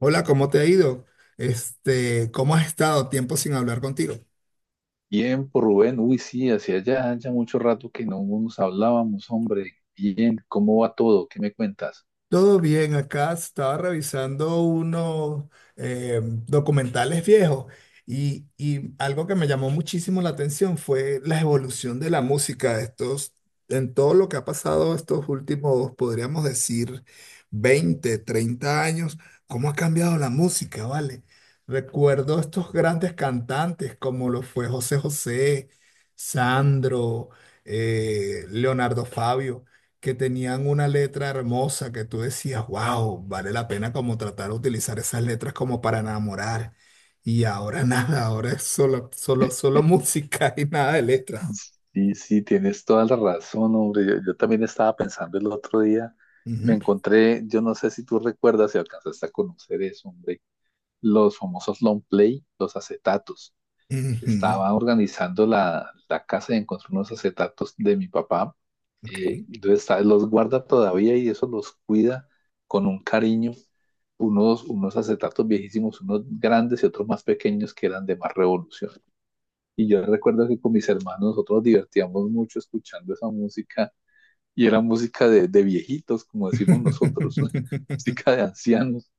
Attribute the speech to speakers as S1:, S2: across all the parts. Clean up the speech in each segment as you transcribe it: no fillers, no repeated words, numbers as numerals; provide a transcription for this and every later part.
S1: Hola, ¿cómo te ha ido? Este, ¿cómo has estado? Tiempo sin hablar contigo.
S2: Bien, por Rubén, uy, sí, hacía ya mucho rato que no nos hablábamos, hombre. Bien, ¿cómo va todo? ¿Qué me cuentas?
S1: Todo bien, acá estaba revisando unos eh, documentales viejos y algo que me llamó muchísimo la atención fue la evolución de la música estos, en todo lo que ha pasado estos últimos, podríamos decir, 20 30 años, cómo ha cambiado la música, ¿vale? Recuerdo estos grandes cantantes como lo fue José José, Sandro, Leonardo Fabio que tenían una letra hermosa que tú decías, wow, vale la pena como tratar de utilizar esas letras como para enamorar. Y ahora nada, ahora es solo, solo, solo música y nada de letras.
S2: Sí, sí, tienes toda la razón, hombre. Yo también estaba pensando el otro día, me
S1: Ujú.
S2: encontré, yo no sé si tú recuerdas, si alcanzaste a conocer eso, hombre, los famosos long play, los acetatos.
S1: Ujú.
S2: Estaba organizando la casa y encontré unos acetatos de mi papá. Eh,
S1: Ok.
S2: entonces, ¿sabes? Los guarda todavía y eso los cuida con un cariño. Unos acetatos viejísimos, unos grandes y otros más pequeños que eran de más revolución. Y yo recuerdo que con mis hermanos nosotros nos divertíamos mucho escuchando esa música y era música de viejitos, como decimos nosotros, música de ancianos: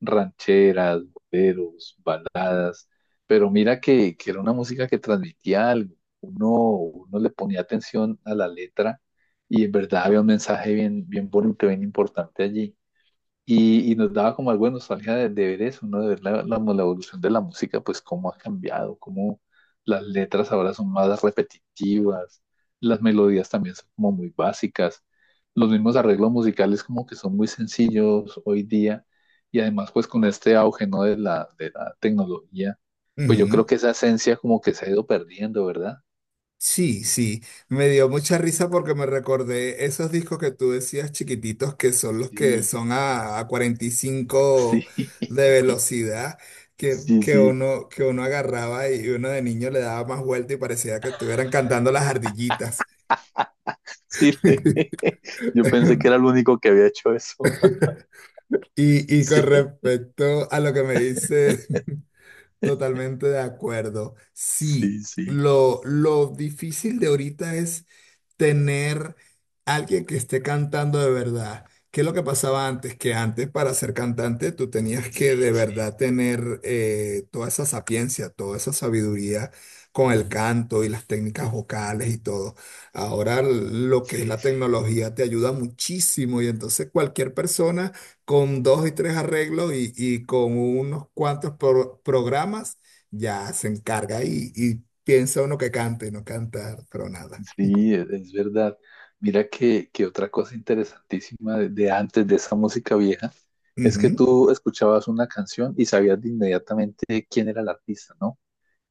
S2: rancheras, boleros, baladas, pero mira que era una música que transmitía algo. Uno le ponía atención a la letra y en verdad había un mensaje bien, bien bonito, bien importante allí. Y nos daba como algo de nostalgia de ver eso, ¿no? De ver la evolución de la música, pues cómo ha cambiado, cómo las letras ahora son más repetitivas, las melodías también son como muy básicas, los mismos arreglos musicales como que son muy sencillos hoy día, y además pues con este auge, ¿no? De la tecnología, pues yo creo
S1: Ujú.
S2: que esa esencia como que se ha ido perdiendo, ¿verdad?
S1: Sí, sí, me dio mucha risa porque me recordé esos discos que tú decías chiquititos que son los que
S2: Sí,
S1: son a cuarenta y
S2: sí,
S1: cinco de velocidad que,
S2: sí, sí,
S1: que
S2: sí.
S1: uno, que uno agarraba y uno de niño le daba más vuelta y parecía que estuvieran cantando las ardillitas.
S2: Yo pensé que era el único que había hecho eso.
S1: Y con
S2: Sí,
S1: respecto a lo que me dice, totalmente de acuerdo. Sí,
S2: sí, sí,
S1: lo difícil de ahorita es tener alguien que esté cantando de verdad. ¿Qué es lo que pasaba antes? Que antes para ser cantante tú tenías que
S2: sí,
S1: de
S2: sí,
S1: verdad tener toda esa sapiencia, toda esa sabiduría con el canto y las técnicas vocales y todo. Ahora lo que es
S2: sí,
S1: la
S2: sí.
S1: tecnología te ayuda muchísimo y entonces cualquier persona con dos y tres arreglos y con unos cuantos programas ya se encarga y piensa uno que cante y no canta, pero nada.
S2: Sí, es verdad. Mira que otra cosa interesantísima de antes de esa música vieja es que
S1: Ujú.
S2: tú escuchabas una canción y sabías de inmediatamente quién era el artista, ¿no?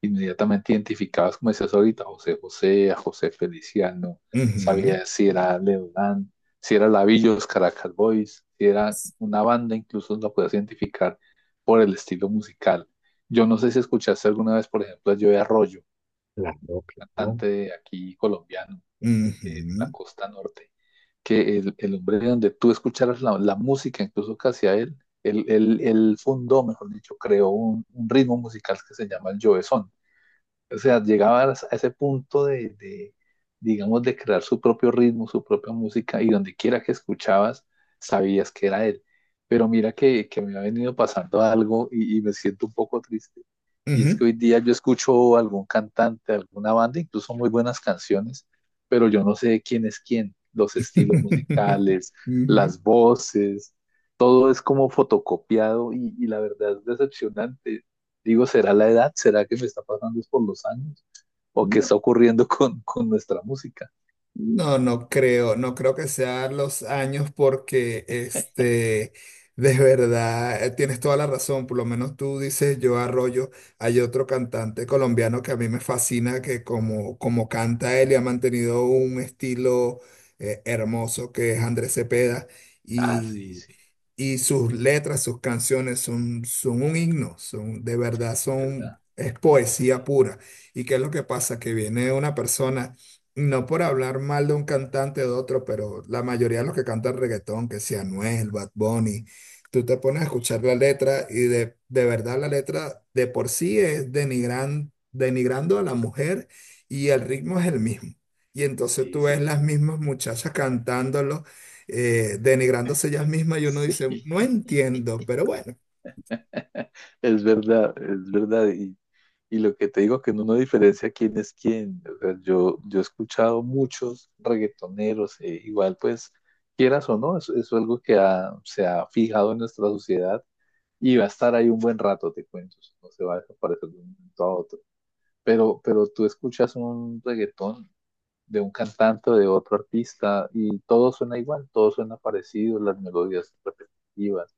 S2: Inmediatamente identificadas, como decías ahorita, a José José, a José Feliciano,
S1: Ujú.
S2: sabía si era Leodán, si era Lavillos, Caracas Boys, si era una banda, incluso la podías identificar por el estilo musical. Yo no sé si escuchaste alguna vez, por ejemplo, a Joe Arroyo,
S1: ¿No?
S2: cantante de aquí colombiano, de la
S1: Ujú.
S2: costa norte, que el hombre de donde tú escucharas la música, incluso que hacía él, él fundó, mejor dicho, creó un ritmo musical que se llama el Jovezón. O sea, llegabas a ese punto digamos, de crear su propio ritmo, su propia música, y donde quiera que escuchabas, sabías que era él. Pero mira que me ha venido pasando algo y me siento un poco triste. Y es
S1: Ujú.
S2: que hoy día yo escucho algún cantante, alguna banda, incluso muy buenas canciones, pero yo no sé quién es quién, los estilos musicales,
S1: Ujú.
S2: las voces, todo es como fotocopiado y la verdad es decepcionante. Digo, ¿será la edad? ¿Será que me está pasando es por los años? ¿O qué
S1: No,
S2: está ocurriendo con nuestra música?
S1: no, no creo que sean los años porque este, de verdad, tienes toda la razón, por lo menos tú dices yo Arroyo, hay otro cantante colombiano que a mí me fascina, que como canta él y ha mantenido un estilo hermoso, que es Andrés Cepeda,
S2: Ah, sí,
S1: y,
S2: sí,
S1: y sus letras, sus canciones son un himno, son, de
S2: sí,
S1: verdad
S2: es verdad.
S1: son, es
S2: Sí,
S1: poesía pura. ¿Y qué es lo que pasa? Que viene una persona no por hablar mal de un cantante o de otro, pero la mayoría de los que cantan reggaetón, que sea Anuel, Bad Bunny, tú te pones a
S2: sí,
S1: escuchar la letra y de verdad la letra de por sí es denigrando a la mujer y el ritmo es el mismo. Y entonces
S2: sí,
S1: tú ves
S2: sí.
S1: las mismas muchachas cantándolo, denigrándose ellas mismas y uno dice,
S2: Sí,
S1: no entiendo, pero bueno.
S2: es verdad, es verdad. Y lo que te digo, que uno no diferencia quién es quién. O sea, yo he escuchado muchos reggaetoneros, igual pues, quieras o no, eso es algo que se ha fijado en nuestra sociedad y va a estar ahí un buen rato, te cuento. Eso no se va a desaparecer de un momento a otro. Pero tú escuchas un reggaetón de un cantante o de otro artista y todo suena igual, todo suena parecido, las melodías repetitivas.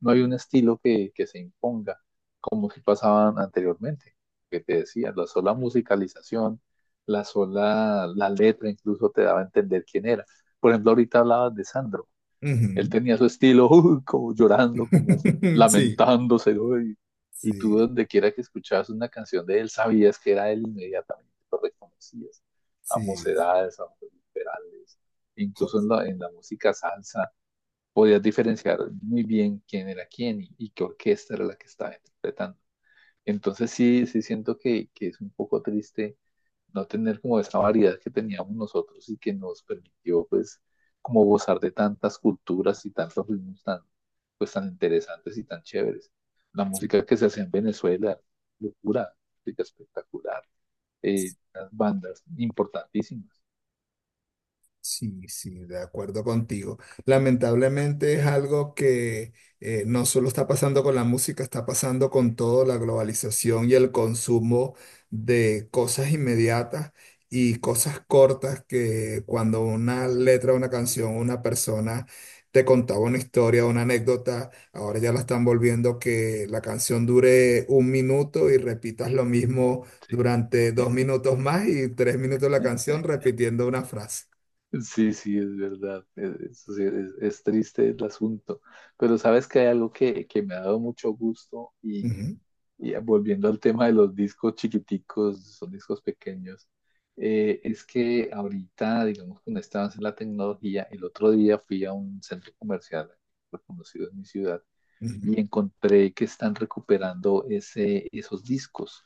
S2: No hay un estilo que se imponga, como si pasaban anteriormente, que te decía, la sola musicalización, la sola, la letra incluso te daba a entender quién era. Por ejemplo, ahorita hablabas de Sandro. Él
S1: Ujú.
S2: tenía su estilo, como llorando, como
S1: Sí,
S2: lamentándose, ¿no? Y y tú
S1: sí,
S2: donde quiera que escuchabas una canción de él, sabías que era él inmediatamente, lo reconocías, a
S1: sí.
S2: mocedades, a liberales,
S1: Jo-
S2: incluso en la música salsa, podías diferenciar muy bien quién era quién y qué orquesta era la que estaba interpretando. Entonces sí, sí siento que es un poco triste no tener como esa variedad que teníamos nosotros y que nos permitió pues como gozar de tantas culturas y tantos ritmos tan pues tan interesantes y tan chéveres. La música que se hace en Venezuela, locura, música espectacular, las bandas importantísimas.
S1: Sí, sí, de acuerdo contigo. Lamentablemente es algo que no solo está pasando con la música, está pasando con toda la globalización y el consumo de cosas inmediatas y cosas cortas que cuando una
S2: Sí,
S1: letra, una canción, una persona te contaba una historia, una anécdota, ahora ya la están volviendo que la canción dure 1 minuto y repitas lo mismo
S2: sí.
S1: durante 2 minutos más y 3 minutos la canción repitiendo una frase.
S2: Sí, sí, es verdad. Sí, es triste el asunto. Pero sabes que hay algo que me ha dado mucho gusto.
S1: Ujú.
S2: Y volviendo al tema de los discos chiquiticos, son discos pequeños, es que ahorita, digamos, con este avance en la tecnología, el otro día fui a un centro comercial reconocido en mi ciudad
S1: Ujú.
S2: y encontré que están recuperando ese, esos discos.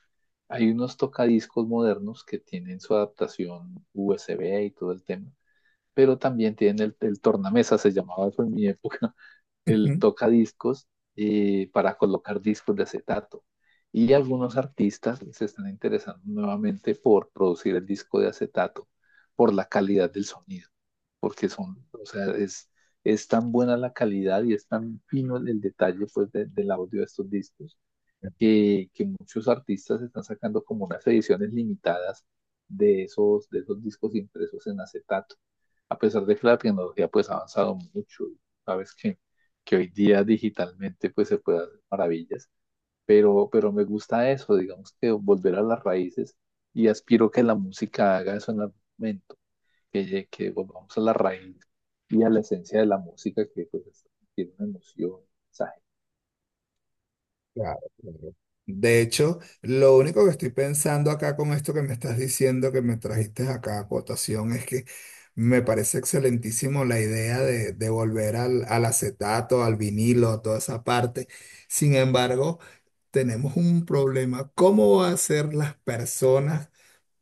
S2: Hay unos tocadiscos modernos que tienen su adaptación USB y todo el tema, pero también tienen el tornamesa, se llamaba eso en mi época, el
S1: Ujú.
S2: tocadiscos para colocar discos de acetato. Y algunos artistas se están interesando nuevamente por producir el disco de acetato, por la calidad del sonido, porque son, o sea, es tan buena la calidad y es tan fino el detalle pues, del audio de estos discos que muchos artistas están sacando como unas ediciones limitadas de esos discos impresos en acetato. A pesar de que la tecnología pues ha avanzado mucho, sabes que hoy día digitalmente pues se puede hacer maravillas, pero me gusta eso, digamos que volver a las raíces y aspiro que la música haga eso en algún momento, que, que volvamos a la raíz y a la esencia de la música que pues tiene una emoción, un mensaje.
S1: Claro, claro. De hecho, lo único que estoy pensando acá con esto que me estás diciendo, que me trajiste acá a cotación, es que me parece excelentísimo la idea de volver al acetato, al vinilo, a toda esa parte. Sin embargo, tenemos un problema. ¿Cómo va a ser las personas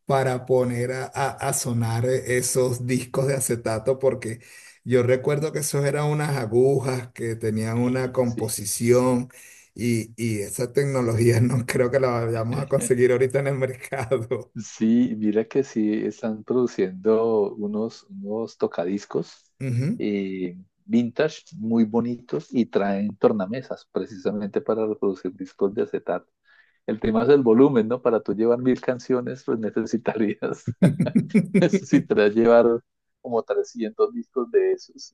S1: para poner a sonar esos discos de acetato, porque yo recuerdo que esos eran unas agujas que tenían una
S2: Sí, sí,
S1: composición y esa
S2: sí.
S1: tecnología no creo que la vayamos a conseguir ahorita en el mercado?
S2: Sí, mira que sí están produciendo unos, unos tocadiscos
S1: Ujú.
S2: eh, vintage muy bonitos y traen tornamesas precisamente para reproducir discos de acetato. El tema es el volumen, ¿no? Para tú llevar 1000 canciones, pues necesitarías, necesitarías llevar como 300 discos de esos.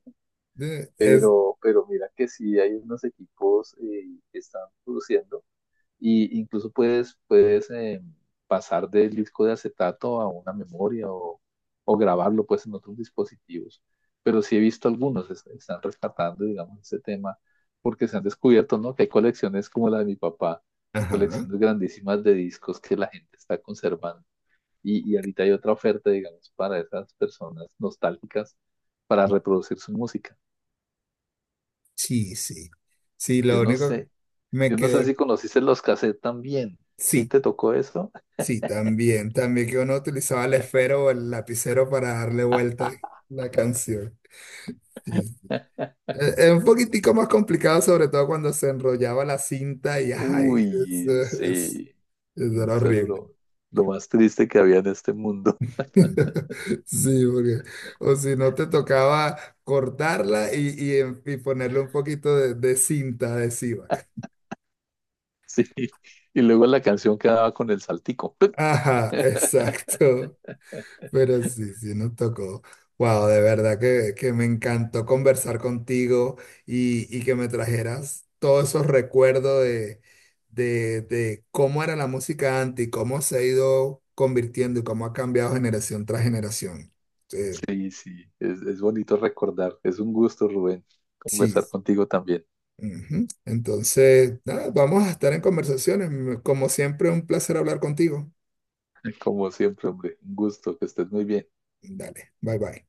S1: Eh, Es,
S2: Pero mira que sí hay unos equipos que están produciendo. Y incluso puedes pasar del disco de acetato a una memoria o grabarlo pues en otros dispositivos. Pero sí he visto algunos, están rescatando, digamos, ese tema, porque se han descubierto, ¿no? Que hay colecciones como la de mi papá,
S1: ajá,
S2: colecciones grandísimas de discos que la gente está conservando. Y ahorita hay otra oferta, digamos, para esas personas nostálgicas para reproducir su música.
S1: sí, sí. Sí,
S2: Yo
S1: lo
S2: no
S1: único que
S2: sé,
S1: me
S2: yo no sé
S1: quedé,
S2: si conociste los cassettes también. ¿Sí
S1: sí,
S2: te tocó eso?
S1: sí, también, que uno utilizaba el esfero o el lapicero para darle vuelta a la canción. Sí, sí. Es un poquitico más complicado, sobre todo cuando se enrollaba la cinta y ay, es,
S2: Uy,
S1: es-
S2: sí,
S1: es- era
S2: eso era
S1: horrible.
S2: lo más triste que había en este mundo.
S1: Sí, porque, o si no te tocaba cortarla y ponerle un poquito de cinta adhesiva.
S2: Sí, y luego la canción quedaba con el saltico.
S1: Ajá, exacto. Pero sí, sí, nos tocó. Wow, de verdad que me encantó conversar contigo y que me trajeras todos esos recuerdos de cómo era la música antes y cómo se ha ido convirtiendo y cómo ha cambiado generación tras generación. Eh,
S2: Sí, sí, es bonito recordar. Es un gusto, Rubén,
S1: sí.
S2: conversar contigo también.
S1: Ujú. Entonces, nada, vamos a estar en conversaciones. Como siempre, un placer hablar contigo.
S2: Como siempre, hombre, un gusto, que estés muy bien.
S1: Dale, bye bye.